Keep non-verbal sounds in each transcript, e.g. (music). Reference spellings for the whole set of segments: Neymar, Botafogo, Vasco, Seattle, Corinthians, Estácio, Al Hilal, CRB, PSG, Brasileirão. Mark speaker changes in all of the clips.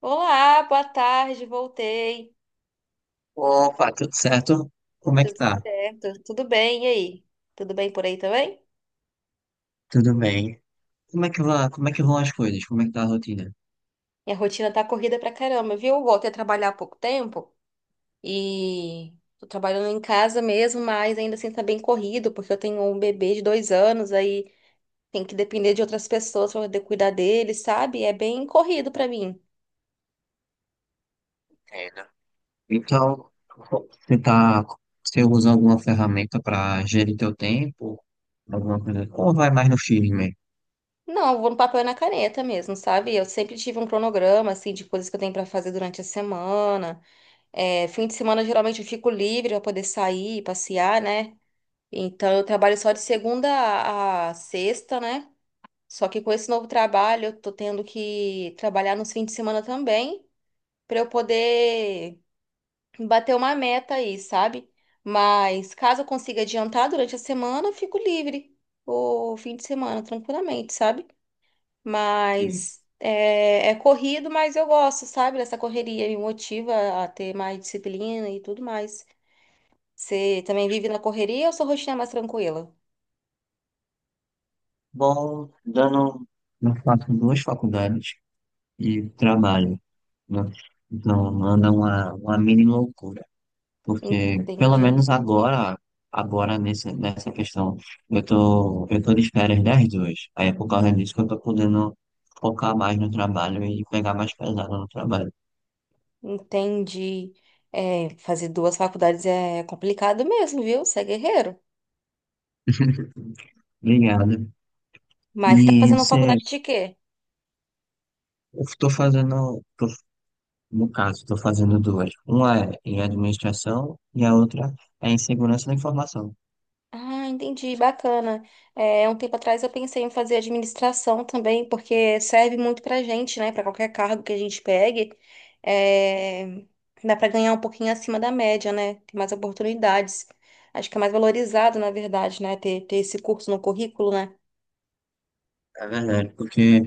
Speaker 1: Olá, boa tarde, voltei.
Speaker 2: Opa, tudo certo? Como é que
Speaker 1: Tudo
Speaker 2: tá?
Speaker 1: certo? Tudo bem, e aí? Tudo bem por aí também?
Speaker 2: Tudo bem? Como é que vai, como é que vão as coisas? Como é que tá a rotina?
Speaker 1: Minha rotina tá corrida pra caramba, viu? Eu voltei a trabalhar há pouco tempo e tô trabalhando em casa mesmo, mas ainda assim tá bem corrido, porque eu tenho um bebê de dois anos, aí tem que depender de outras pessoas pra poder cuidar dele, sabe? É bem corrido pra mim.
Speaker 2: Entendo. Então, você tá, você usa alguma ferramenta para gerir teu tempo? Alguma coisa assim? Ou vai mais no X mesmo?
Speaker 1: Não, eu vou no papel e na caneta mesmo, sabe? Eu sempre tive um cronograma, assim, de coisas que eu tenho pra fazer durante a semana. É, fim de semana geralmente eu fico livre para poder sair, passear, né? Então eu trabalho só de segunda a sexta, né? Só que com esse novo trabalho eu tô tendo que trabalhar nos fins de semana também para eu poder bater uma meta aí, sabe? Mas caso eu consiga adiantar durante a semana, eu fico livre o fim de semana tranquilamente, sabe?
Speaker 2: Sim.
Speaker 1: Mas é corrido, mas eu gosto, sabe? Dessa correria me motiva a ter mais disciplina e tudo mais. Você também vive na correria ou sua rotina é mais tranquila?
Speaker 2: Bom, dando, eu faço duas faculdades e trabalho, né? Então, anda uma mini loucura. Porque, pelo
Speaker 1: Entendi,
Speaker 2: menos agora, nessa questão, eu tô de férias das duas. Aí é por causa disso que eu tô podendo focar mais no trabalho e pegar mais pesado no trabalho.
Speaker 1: entendi. É, fazer duas faculdades é complicado mesmo, viu? Você é guerreiro.
Speaker 2: Obrigado.
Speaker 1: Mas tá
Speaker 2: E
Speaker 1: fazendo
Speaker 2: você,
Speaker 1: faculdade de quê?
Speaker 2: eu tô fazendo, tô- no caso, tô fazendo duas. Uma é em administração e a outra é em segurança da informação.
Speaker 1: Ah, entendi, bacana. É, um tempo atrás eu pensei em fazer administração também, porque serve muito pra gente, né? Pra qualquer cargo que a gente pegue. É, dá pra ganhar um pouquinho acima da média, né? Tem mais oportunidades. Acho que é mais valorizado, na verdade, né? Ter esse curso no currículo, né?
Speaker 2: É verdade, porque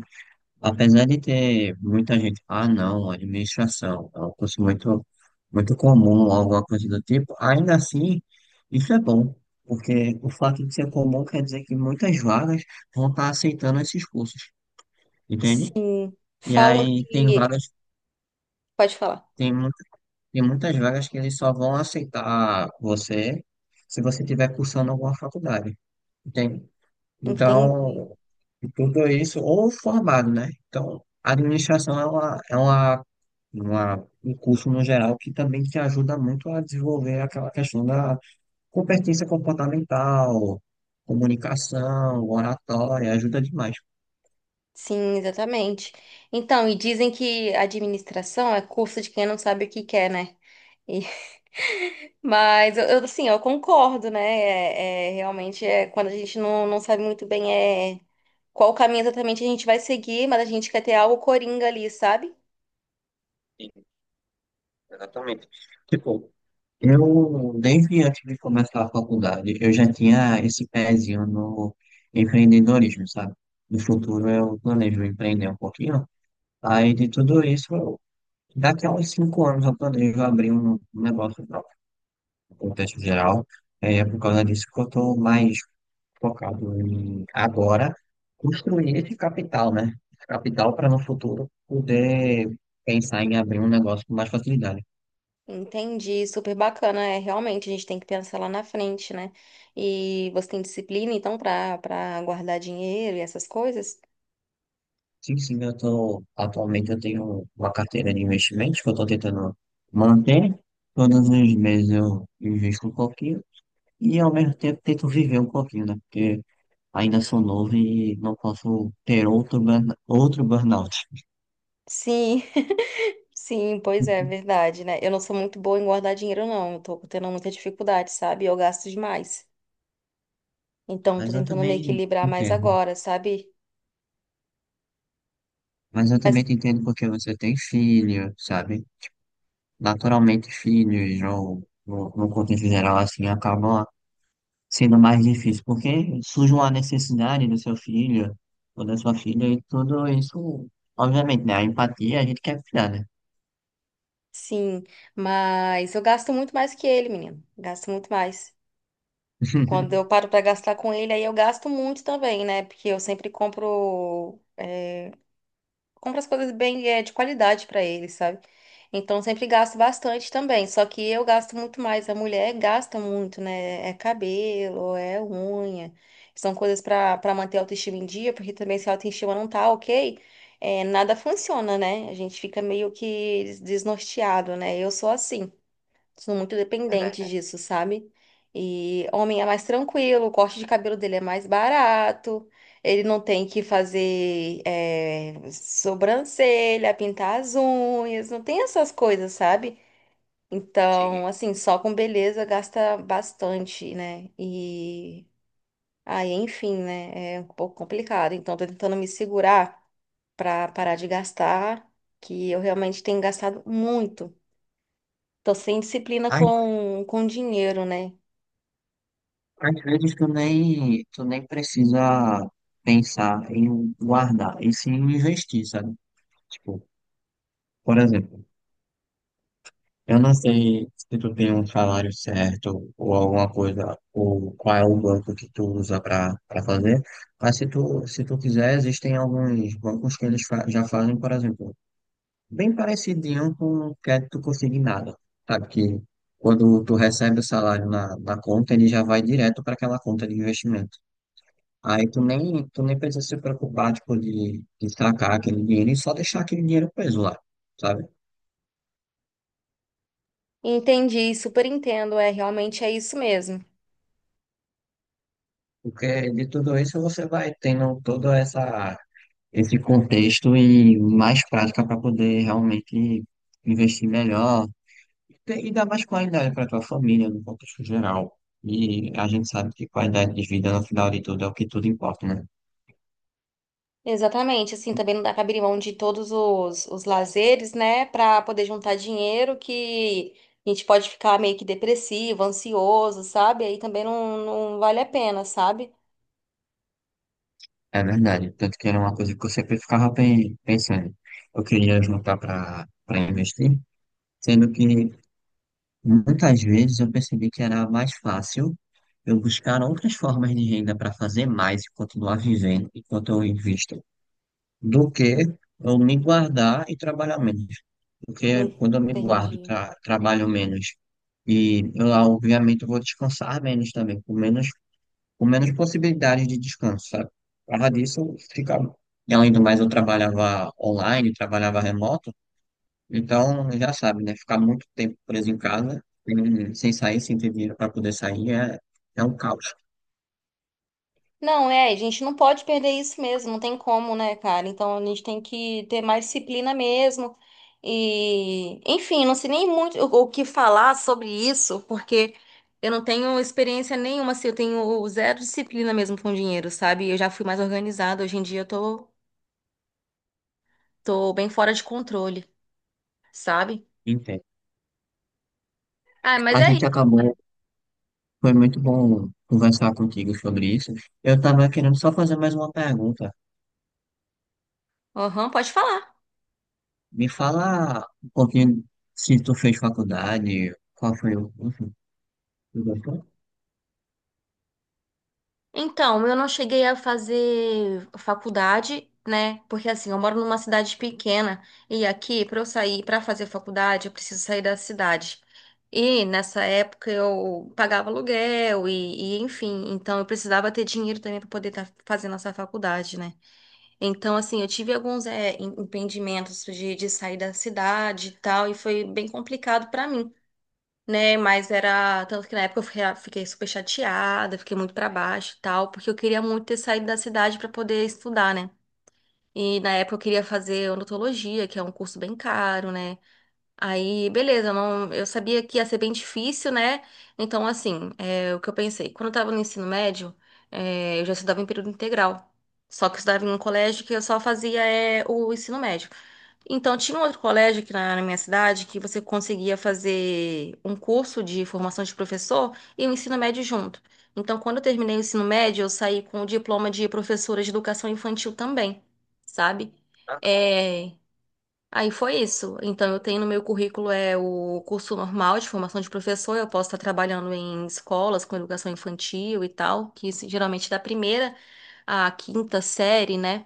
Speaker 2: apesar de ter muita gente, ah, não, administração é um curso muito comum, alguma coisa do tipo, ainda assim, isso é bom, porque o fato de ser comum quer dizer que muitas vagas vão estar aceitando esses cursos, entende?
Speaker 1: Sim,
Speaker 2: E
Speaker 1: falam
Speaker 2: aí tem
Speaker 1: que.
Speaker 2: vagas,
Speaker 1: Pode falar.
Speaker 2: tem, mu- tem muitas vagas que eles só vão aceitar você se você estiver cursando alguma faculdade, entende?
Speaker 1: Entendi.
Speaker 2: Então, e tudo isso, ou formado, né? Então, a administração é um curso no geral que também te ajuda muito a desenvolver aquela questão da competência comportamental, comunicação, oratória, ajuda demais.
Speaker 1: Sim, exatamente. Então, e dizem que administração é curso de quem não sabe o que quer, né? E- (laughs) Mas, eu, assim, eu concordo, né? Realmente, quando a gente não sabe muito bem é, qual caminho exatamente a gente vai seguir, mas a gente quer ter algo coringa ali, sabe?
Speaker 2: Sim, exatamente. Tipo, eu, desde antes de começar a faculdade, eu já tinha esse pezinho no empreendedorismo, sabe? No futuro eu planejo empreender um pouquinho. Aí de tudo isso eu Daqui a uns cinco anos eu planejo abrir um negócio próprio, no contexto geral. É por causa disso que eu estou mais focado em agora construir esse capital, né? Esse capital para no futuro poder pensar em abrir um negócio com mais facilidade.
Speaker 1: Entendi, super bacana. É, realmente, a gente tem que pensar lá na frente, né? E você tem disciplina, então, para guardar dinheiro e essas coisas?
Speaker 2: Sim, eu tô, atualmente eu tenho uma carteira de investimentos que eu estou tentando manter. Todos os meses eu invisto um pouquinho e ao mesmo tempo tento viver um pouquinho, né? Porque ainda sou novo e não posso ter outro burnout.
Speaker 1: Sim, (laughs) sim, pois é,
Speaker 2: (laughs)
Speaker 1: verdade, né? Eu não sou muito boa em guardar dinheiro, não. Eu tô tendo muita dificuldade, sabe? Eu gasto demais. Então, tô
Speaker 2: Mas eu
Speaker 1: tentando me
Speaker 2: também
Speaker 1: equilibrar mais
Speaker 2: entendo.
Speaker 1: agora, sabe?
Speaker 2: Mas eu
Speaker 1: Mas,
Speaker 2: também te entendo porque você tem filho, sabe? Naturalmente, filhos, ou no contexto geral, assim, acabam sendo mais difícil, porque surge uma necessidade do seu filho ou da sua filha, e tudo isso, obviamente, né? A empatia a gente quer cuidar, né?
Speaker 1: sim, mas eu gasto muito mais que ele, menino. Gasto muito mais.
Speaker 2: (laughs)
Speaker 1: Quando eu paro pra gastar com ele, aí eu gasto muito também, né? Porque eu sempre compro as coisas bem, de qualidade pra eles, sabe? Então sempre gasto bastante também. Só que eu gasto muito mais. A mulher gasta muito, né? É cabelo, é unha. São coisas pra para manter a autoestima em dia, porque também se a autoestima não tá ok, nada funciona, né? A gente fica meio que desnorteado, né? Eu sou assim são muito
Speaker 2: É
Speaker 1: dependentes
Speaker 2: verdade,
Speaker 1: disso, sabe? E homem é mais tranquilo, o corte de cabelo dele é mais barato, ele não tem que fazer sobrancelha, pintar as unhas, não tem essas coisas, sabe?
Speaker 2: sim.
Speaker 1: Então, assim, só com beleza gasta bastante, né? E aí, enfim, né? É um pouco complicado. Então, tô tentando me segurar pra parar de gastar, que eu realmente tenho gastado muito. Tô sem disciplina com dinheiro, né?
Speaker 2: Às vezes tu nem precisa pensar em guardar, e sim investir, sabe? Tipo, por exemplo, eu não sei se tu tem um salário certo ou alguma coisa, ou qual é o banco que tu usa para para fazer, mas se tu quiser, existem alguns bancos que eles já fazem, por exemplo, bem parecidinho com o crédito consignado, sabe? Que quando tu recebe o salário na conta, ele já vai direto para aquela conta de investimento. Aí tu nem precisa se preocupar, tipo, de sacar aquele dinheiro e só deixar aquele dinheiro preso lá, sabe?
Speaker 1: Entendi, super entendo. É, realmente é isso mesmo.
Speaker 2: Porque de tudo isso você vai tendo esse contexto e mais prática para poder realmente investir melhor e dar mais qualidade para tua família no contexto geral. E a gente sabe que qualidade de vida, no final de tudo, é o que tudo importa, né?
Speaker 1: Exatamente, assim, também não dá pra abrir mão de todos os lazeres, né, pra poder juntar dinheiro que a gente pode ficar meio que depressivo, ansioso, sabe? Aí também não, não vale a pena, sabe?
Speaker 2: É verdade. Tanto que era uma coisa que eu sempre ficava pensando. Eu queria juntar para para investir. Sendo que muitas vezes eu percebi que era mais fácil eu buscar outras formas de renda para fazer mais e continuar vivendo enquanto eu invisto, do que eu me guardar e trabalhar menos. Porque quando eu me guardo,
Speaker 1: Entendi.
Speaker 2: trabalho menos e eu, obviamente, eu vou descansar menos também, com menos possibilidades de descanso, sabe? Por causa disso, fica. E além do mais, eu trabalhava online, trabalhava remoto. Então, já sabe, né? Ficar muito tempo preso em casa, sem sair, sem ter dinheiro para poder sair, é é um caos.
Speaker 1: Não, é, a gente não pode perder isso mesmo, não tem como, né, cara? Então a gente tem que ter mais disciplina mesmo. E, enfim, não sei nem muito o que falar sobre isso, porque eu não tenho experiência nenhuma, assim, eu tenho zero disciplina mesmo com dinheiro, sabe? Eu já fui mais organizada, hoje em dia eu tô bem fora de controle, sabe?
Speaker 2: Entendo.
Speaker 1: Ah, mas
Speaker 2: A
Speaker 1: é
Speaker 2: gente
Speaker 1: isso.
Speaker 2: acabou, foi muito bom conversar contigo sobre isso. Eu estava querendo só fazer mais uma pergunta.
Speaker 1: Aham, pode falar.
Speaker 2: Me fala um pouquinho se tu fez faculdade, qual foi o. Enfim, tu gostou?
Speaker 1: Então, eu não cheguei a fazer faculdade, né? Porque assim, eu moro numa cidade pequena e aqui, para eu sair para fazer faculdade, eu preciso sair da cidade. E nessa época eu pagava aluguel e, enfim, então eu precisava ter dinheiro também para poder estar fazendo essa faculdade, né? Então, assim, eu tive alguns empreendimentos de sair da cidade e tal, e foi bem complicado para mim né? Mas era. Tanto que na época eu fiquei super chateada, fiquei muito pra baixo e tal, porque eu queria muito ter saído da cidade pra poder estudar, né? E na época eu queria fazer odontologia, que é um curso bem caro, né? Aí, beleza, eu não, eu sabia que ia ser bem difícil, né? Então, assim, o que eu pensei, quando eu tava no ensino médio, eu já estudava em período integral. Só que eu estudava em um colégio que eu só fazia o ensino médio. Então, tinha um outro colégio aqui na, na minha cidade que você conseguia fazer um curso de formação de professor e o ensino médio junto. Então, quando eu terminei o ensino médio, eu saí com o diploma de professora de educação infantil também, sabe?
Speaker 2: Ah,
Speaker 1: É, Aí foi isso. Então, eu tenho no meu currículo o curso normal de formação de professor. Eu posso estar trabalhando em escolas com educação infantil e tal, que isso, geralmente da primeira à quinta série, né?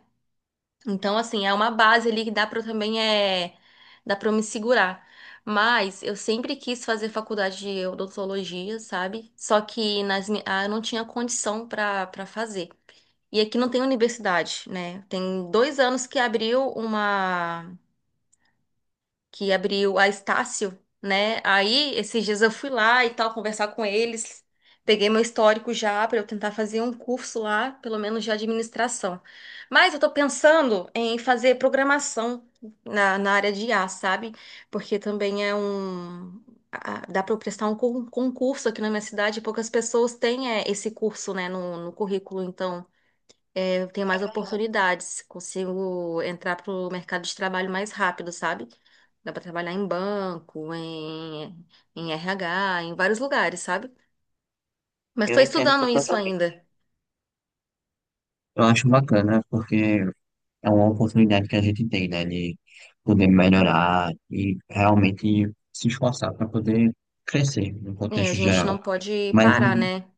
Speaker 1: Então, assim, é uma base ali que dá para também dá para me segurar. Mas eu sempre quis fazer faculdade de odontologia, sabe? Só que ah, eu não tinha condição para fazer. E aqui não tem universidade, né? Tem dois anos que abriu uma que abriu a Estácio, né? Aí, esses dias eu fui lá e tal, conversar com eles. Peguei meu histórico já para eu tentar fazer um curso lá, pelo menos de administração. Mas eu tô pensando em fazer programação na área de IA, sabe? Porque também é um. Dá para eu prestar um concurso aqui na minha cidade, poucas pessoas têm esse curso, né, no currículo, então eu tenho mais oportunidades, consigo entrar para o mercado de trabalho mais rápido, sabe? Dá pra trabalhar em banco, em RH, em vários lugares, sabe? Mas
Speaker 2: eu
Speaker 1: tô
Speaker 2: entendo
Speaker 1: estudando isso
Speaker 2: completamente.
Speaker 1: ainda.
Speaker 2: Eu acho bacana, porque é uma oportunidade que a gente tem, né, de poder melhorar e realmente se esforçar para poder crescer no
Speaker 1: É, a
Speaker 2: contexto
Speaker 1: gente não
Speaker 2: geral.
Speaker 1: pode
Speaker 2: Mas,
Speaker 1: parar, né?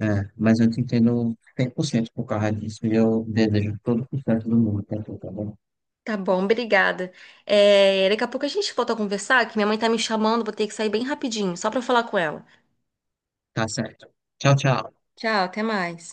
Speaker 2: é, mas eu te entendo 100% por cento por causa disso e eu desejo todo o sucesso do mundo para tu, tá bom?
Speaker 1: Tá bom, obrigada. É, daqui a pouco a gente volta a conversar, que minha mãe tá me chamando, vou ter que sair bem rapidinho, só pra falar com ela.
Speaker 2: Tá certo. Tchau, tchau.
Speaker 1: Tchau, até mais.